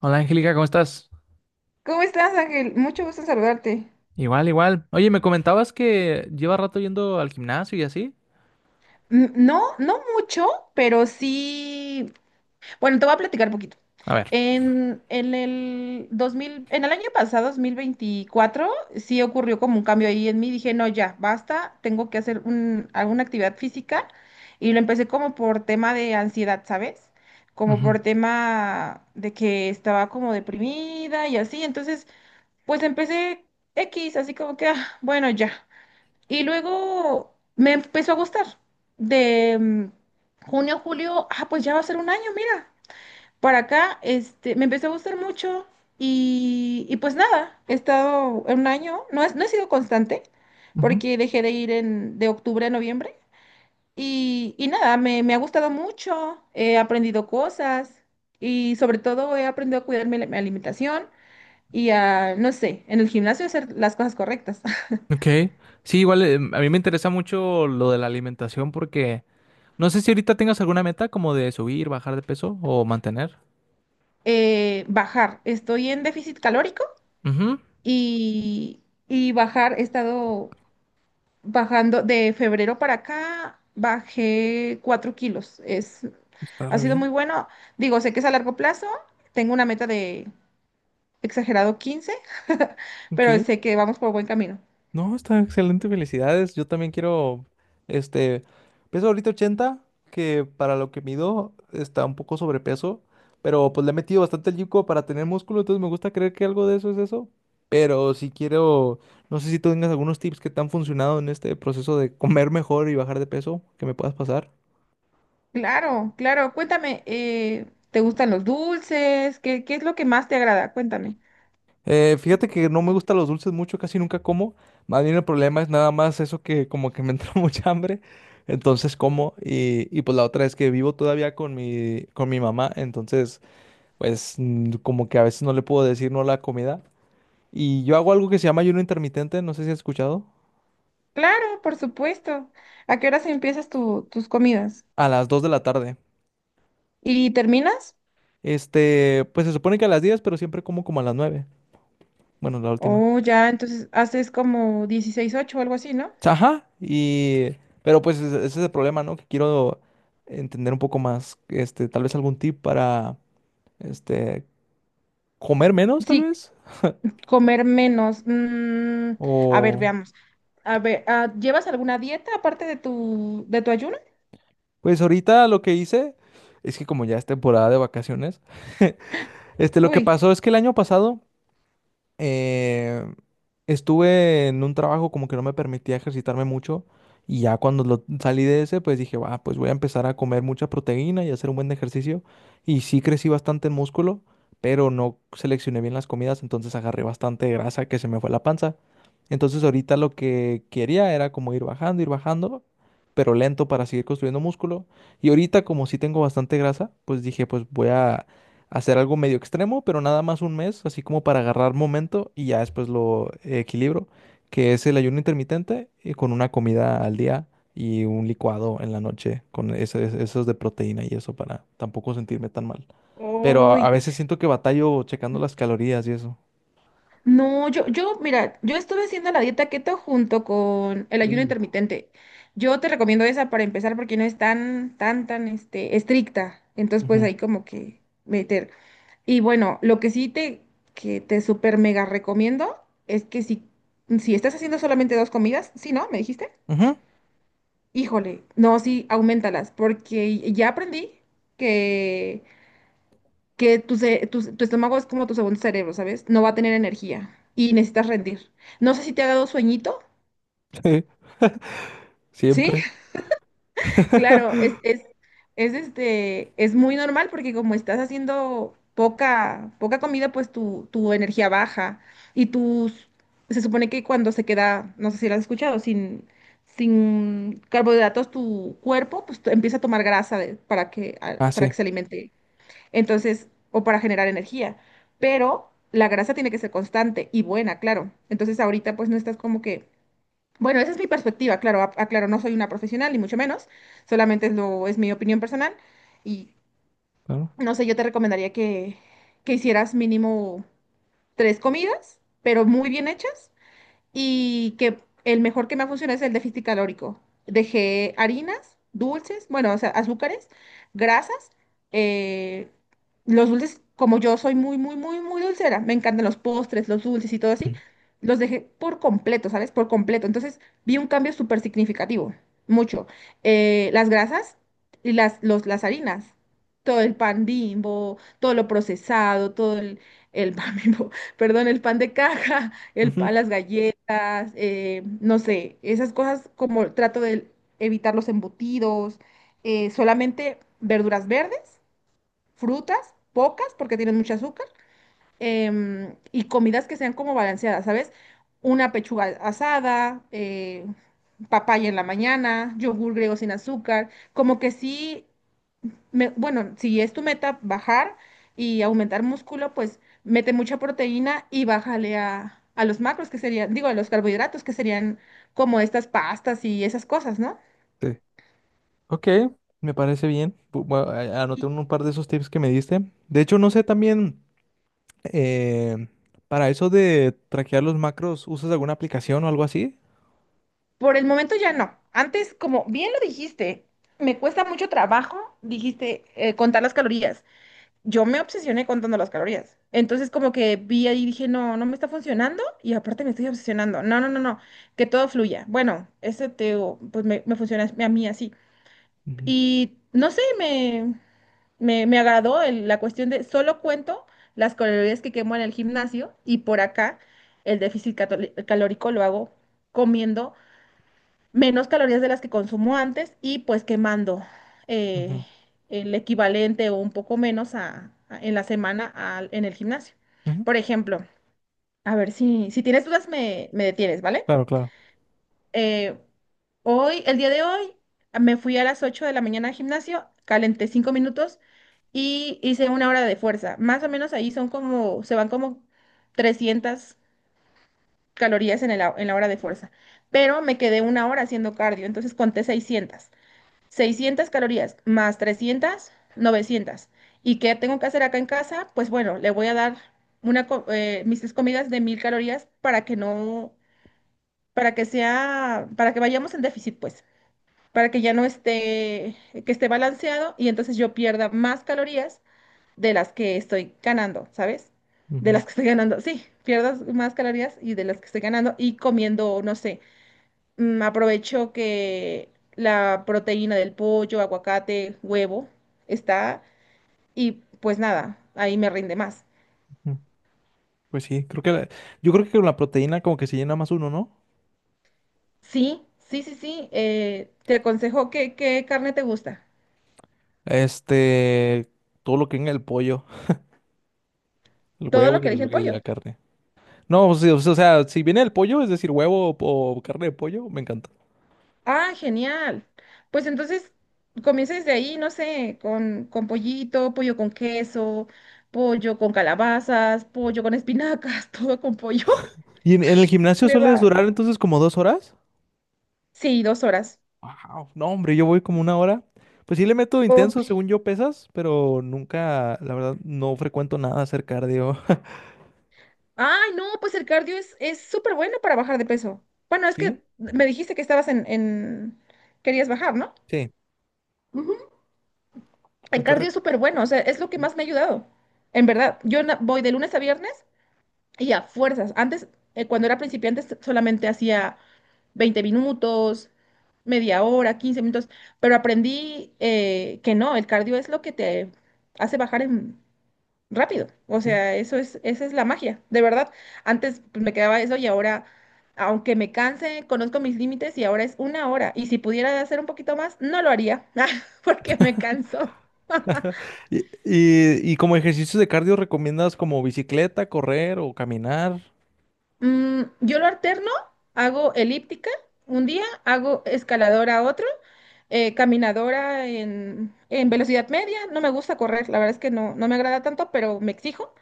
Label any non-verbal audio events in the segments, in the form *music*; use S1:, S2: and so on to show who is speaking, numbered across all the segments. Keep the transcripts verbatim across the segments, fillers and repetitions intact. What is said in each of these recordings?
S1: Hola Angélica, ¿cómo estás?
S2: ¿Cómo estás, Ángel? Mucho gusto en saludarte.
S1: Igual, igual. Oye, me comentabas que lleva rato yendo al gimnasio y así.
S2: Mm, no, no mucho, pero sí. Bueno, te voy a platicar un poquito.
S1: A ver.
S2: En, en el dos mil, en el año pasado, dos mil veinticuatro, sí ocurrió como un cambio ahí en mí. Dije, no, ya, basta, tengo que hacer un- alguna actividad física. Y lo empecé como por tema de ansiedad, ¿sabes? Como
S1: Ujú,
S2: por tema de que estaba como deprimida y así. Entonces, pues empecé X, así como que, ah, bueno, ya. Y luego me empezó a gustar. De mm, junio, julio, ah, pues ya va a ser un año, mira. Para acá, este, me empezó a gustar mucho y, y pues nada, he estado un año, no, es, no he sido constante
S1: ujú.
S2: porque dejé de ir en, de octubre a noviembre y, y nada, me, me ha gustado mucho, he aprendido cosas y sobre todo he aprendido a cuidar mi, mi alimentación y a, no sé, en el gimnasio hacer las cosas correctas. *laughs*
S1: Ok. Sí, igual eh, a mí me interesa mucho lo de la alimentación porque no sé si ahorita tengas alguna meta como de subir, bajar de peso o mantener.
S2: eh, bajar. Estoy en déficit calórico
S1: Ujú.
S2: y, y bajar, he estado bajando de febrero para acá, bajé cuatro kilos. Es,
S1: Está
S2: ha
S1: re
S2: sido
S1: bien.
S2: muy bueno. Digo, sé que es a largo plazo, tengo una meta de exagerado quince. *laughs*
S1: Ok.
S2: Pero sé que vamos por buen camino.
S1: No, está excelente, felicidades. Yo también quiero, este, peso ahorita ochenta, que para lo que mido está un poco sobrepeso, pero pues le he metido bastante el yuco para tener músculo, entonces me gusta creer que algo de eso es eso. Pero si quiero, no sé si tú tengas algunos tips que te han funcionado en este proceso de comer mejor y bajar de peso, que me puedas pasar.
S2: Claro, claro, cuéntame, eh, ¿te gustan los dulces? ¿Qué, qué es lo que más te agrada? Cuéntame.
S1: Eh, fíjate que no me gustan los dulces mucho, casi nunca como. Más bien el problema es nada más eso que como que me *laughs* entra mucha hambre, entonces como. Y, y pues la otra es que vivo todavía con mi, con mi mamá, entonces pues mm, como que a veces no le puedo decir no a la comida. Y yo hago algo que se llama ayuno intermitente, no sé si has escuchado,
S2: Claro, por supuesto. ¿A qué horas empiezas tu- tus comidas?
S1: a las dos de la tarde.
S2: ¿Y terminas?
S1: Este, pues se supone que a las diez, pero siempre como como a las nueve. Bueno, la última.
S2: Oh, ya, entonces haces como dieciséis ocho o algo así, ¿no?
S1: Ajá, y... Pero pues ese ese es el problema, ¿no? Que quiero entender un poco más, este, tal vez algún tip para, este, comer menos, tal
S2: Sí,
S1: vez.
S2: comer menos. mm, a ver,
S1: O...
S2: veamos. A ver, ah, ¿llevas alguna dieta aparte de tu, de tu ayuno?
S1: Pues ahorita lo que hice es que como ya es temporada de vacaciones, *laughs* este, lo que
S2: Uy,
S1: pasó es que el año pasado eh, estuve en un trabajo como que no me permitía ejercitarme mucho y ya cuando lo- salí de ese, pues dije, va, pues voy a empezar a comer mucha proteína y hacer un buen ejercicio. Y sí crecí bastante en músculo, pero no seleccioné bien las comidas, entonces agarré bastante grasa que se me fue la panza. Entonces ahorita lo que quería era como ir bajando, ir bajando, pero lento para seguir construyendo músculo. Y ahorita como sí tengo bastante grasa, pues dije, pues voy a hacer algo medio extremo, pero nada más un mes, así como para agarrar momento y ya después lo eh, equilibro, que es el ayuno intermitente eh, con una comida al día y un licuado en la noche con ese- ese- esos de proteína y eso para tampoco sentirme tan mal. Pero a, a
S2: uy.
S1: veces siento que batallo checando las calorías y eso.
S2: No, yo, yo, mira, yo estuve haciendo la dieta keto junto con el ayuno
S1: Uh,
S2: intermitente. Yo te recomiendo esa para empezar porque no es tan, tan, tan, este, estricta. Entonces, pues
S1: Ujú.
S2: ahí como que meter. Y bueno, lo que sí te, que te súper mega recomiendo es que si, si estás haciendo solamente dos comidas, sí, ¿no? ¿Me dijiste?
S1: Ujú,
S2: Híjole, no, sí, aumentalas, porque ya aprendí que, que tu, ce- tu, tu estómago es como tu segundo cerebro, ¿sabes? No va a tener energía y necesitas rendir. No sé si te ha dado sueñito,
S1: sí,
S2: ¿sí?
S1: siempre.
S2: Claro,
S1: *laughs*
S2: es, es, es este, es muy normal porque como estás haciendo poca, poca comida, pues tu, tu energía baja y tus, se supone que cuando se queda, no sé si lo has escuchado, sin, sin carbohidratos tu cuerpo, pues t- empieza a tomar grasa de- para que, a-
S1: Ah,
S2: para que
S1: sí,
S2: se alimente. Entonces, o para generar energía, pero la grasa tiene que ser constante y buena, claro. Entonces ahorita pues no estás como que bueno, esa es mi perspectiva, claro, a- aclaro, no soy una profesional, ni mucho menos, solamente es, lo, es mi opinión personal y
S1: claro.
S2: no sé, yo te recomendaría que, que hicieras mínimo tres comidas, pero muy bien hechas y que el mejor que me ha funcionado es el déficit calórico. Dejé harinas, dulces, bueno, o sea, azúcares, grasas, eh, los dulces, como yo soy muy, muy, muy, muy dulcera, me encantan los postres, los dulces y todo así,
S1: Mm,
S2: los dejé por completo, ¿sabes? Por completo. Entonces vi un cambio súper significativo, mucho. Eh, las grasas y las, los, las harinas, todo el pan Bimbo, todo lo procesado, todo el, el pan Bimbo, *laughs* perdón, el pan de caja, el pan,
S1: ujú,
S2: las galletas las, eh, no sé, esas cosas como trato de evitar los embutidos, eh, solamente verduras verdes, frutas, pocas porque tienen mucho azúcar, em, y comidas que sean como balanceadas, ¿sabes? Una pechuga asada, eh, papaya en la mañana, yogur griego sin azúcar, como que sí me- bueno, si es tu meta bajar y aumentar músculo, pues mete mucha proteína y bájale a, a los macros, que serían, digo, a los carbohidratos, que serían como estas pastas y esas cosas, ¿no?
S1: sí. Ok, me parece bien. Bu- bueno, a- anoté
S2: Y
S1: un par de esos tips que me diste. De hecho, no sé también. Eh, para eso de traquear los macros, ¿usas alguna aplicación o algo así?
S2: por el momento ya no. Antes, como bien lo dijiste, me cuesta mucho trabajo, dijiste, eh, contar las calorías. Yo me obsesioné contando las calorías. Entonces, como que vi ahí y dije, no, no me está funcionando y aparte me estoy obsesionando. No, no, no, no, que todo fluya. Bueno, ese te, digo, pues me, me funciona a mí así.
S1: Ujú,
S2: Y no sé, me, me, me agradó el- la cuestión de solo cuento las calorías que quemo en el gimnasio y por acá el déficit catoli- calórico lo hago comiendo menos calorías de las que consumo antes y pues quemando eh,
S1: ujú,
S2: el equivalente o un poco menos a- a- en la semana al- en el gimnasio.
S1: ujú.
S2: Por ejemplo, a ver si, si tienes dudas me, me detienes, ¿vale?
S1: Claro, claro.
S2: Eh, Hoy, el día de hoy, me fui a las ocho de la mañana al gimnasio, calenté cinco minutos y hice una hora de fuerza. Más o menos ahí son como, se van como trescientas calorías en el hou- en la hora de fuerza. Pero me quedé una hora haciendo cardio, entonces conté seiscientas seiscientas calorías más trescientas novecientas. ¿Y qué tengo que hacer acá en casa? Pues bueno, le voy a dar una, co- eh, mis tres comidas de mil calorías para que no, para que sea, para que vayamos en déficit, pues para que ya no esté, que esté balanceado y entonces yo pierda más calorías de las que estoy ganando, ¿sabes? De
S1: Ujú,
S2: las que estoy ganando, sí, pierdas más calorías y de las que estoy ganando y comiendo, no sé, mm, aprovecho que la proteína del pollo, aguacate, huevo está y pues nada, ahí me rinde más.
S1: ujú. Pues sí, creo que la- yo creo que con la proteína como que se llena más uno, ¿no?
S2: Sí, sí, sí, sí, eh, te aconsejo que, qué carne te gusta.
S1: Este, todo lo que venga el pollo, el
S2: Todo
S1: huevo
S2: lo
S1: y,
S2: que elige el
S1: el- y
S2: pollo.
S1: la carne. No, pues sí, o sea, o sea, si viene el pollo, es decir, huevo o, o carne de pollo, me encanta.
S2: Ah, genial. Pues entonces comienza desde ahí, no sé, con, con pollito, pollo con queso, pollo con calabazas, pollo con espinacas, *laughs* todo con pollo.
S1: ¿Y en, en el gimnasio
S2: Te va.
S1: sueles durar entonces como dos horas?
S2: Sí, dos horas.
S1: Wow, no, hombre, yo voy como una hora. Pues sí le meto
S2: Ok.
S1: intenso, según yo pesas, pero nunca, la verdad, no frecuento nada hacer cardio.
S2: Ay, no, pues el cardio es, es súper bueno para bajar de peso. Bueno,
S1: *laughs*
S2: es
S1: ¿Sí?
S2: que me dijiste que estabas en, en... querías bajar, ¿no?
S1: Sí.
S2: Ujú.
S1: no
S2: El
S1: te
S2: cardio
S1: re-
S2: es súper bueno, o sea, es lo que más me ha ayudado. En verdad, yo na- voy de lunes a viernes y a fuerzas. Antes, eh, cuando era principiante, s- solamente hacía veinte minutos, media hora, quince minutos, pero aprendí eh, que no, el cardio es lo que te hace bajar en- rápido. O
S1: Sí.
S2: sea, eso es, esa es la magia, de verdad. Antes pues, me quedaba eso y ahora, aunque me canse, conozco mis límites y ahora es una hora. Y si pudiera hacer un poquito más, no lo haría, *laughs* porque me canso.
S1: *laughs* Y, y, y como ejercicios de cardio, ¿recomiendas como bicicleta, correr o caminar?
S2: Mm, yo lo alterno, hago elíptica un día, hago escaladora otro, eh, caminadora en, en velocidad media. No me gusta correr, la verdad es que no, no me agrada tanto, pero me exijo.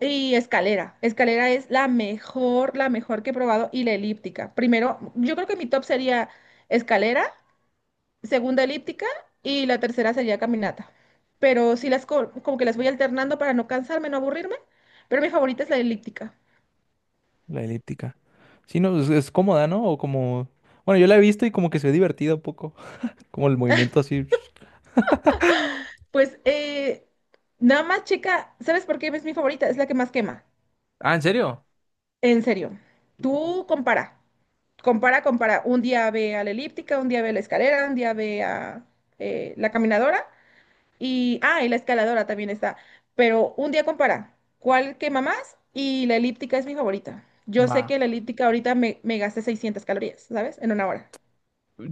S2: Y escalera. Escalera es la mejor, la mejor que he probado y la elíptica. Primero, yo creo que mi top sería escalera, segunda elíptica y la tercera sería caminata. Pero sí las co- como que las voy alternando para no cansarme, no aburrirme, pero mi favorita es la elíptica.
S1: La elíptica. Sí, no, es, es cómoda, ¿no? O como... Bueno, yo la he visto y como que se ve divertida un poco. *laughs* Como el movimiento así.
S2: Pues eh, nada más, chica, ¿sabes por qué es mi favorita? Es la que más quema.
S1: Ah, ¿en serio?
S2: En serio. Tú compara, compara, compara. Un día ve a la elíptica, un día ve a la escalera, un día ve a eh, la caminadora y, ah, y la escaladora también está. Pero un día compara cuál quema más y la elíptica es mi favorita. Yo sé
S1: Va.
S2: que la elíptica ahorita me, me gasté seiscientas calorías, ¿sabes? En una hora.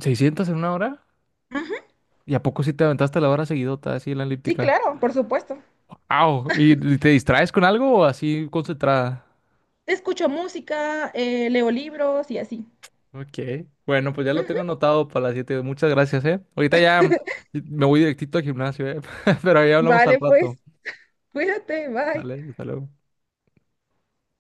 S1: ¿Seiscientos en una hora?
S2: Ujú.
S1: ¿Y a poco sí te aventaste la hora seguidota así en la
S2: Sí,
S1: elíptica?
S2: claro, por supuesto.
S1: Au, ¿y y te distraes con algo o así concentrada?
S2: Escucho música, eh, leo libros y así.
S1: Ok, bueno, pues ya lo tengo
S2: Ujú.
S1: anotado para las siete. Muchas gracias, ¿eh? Ahorita ya me voy directito al gimnasio, ¿eh? *laughs* Pero ahí hablamos al
S2: Vale, pues.
S1: rato.
S2: Cuídate, bye.
S1: Dale, hasta luego.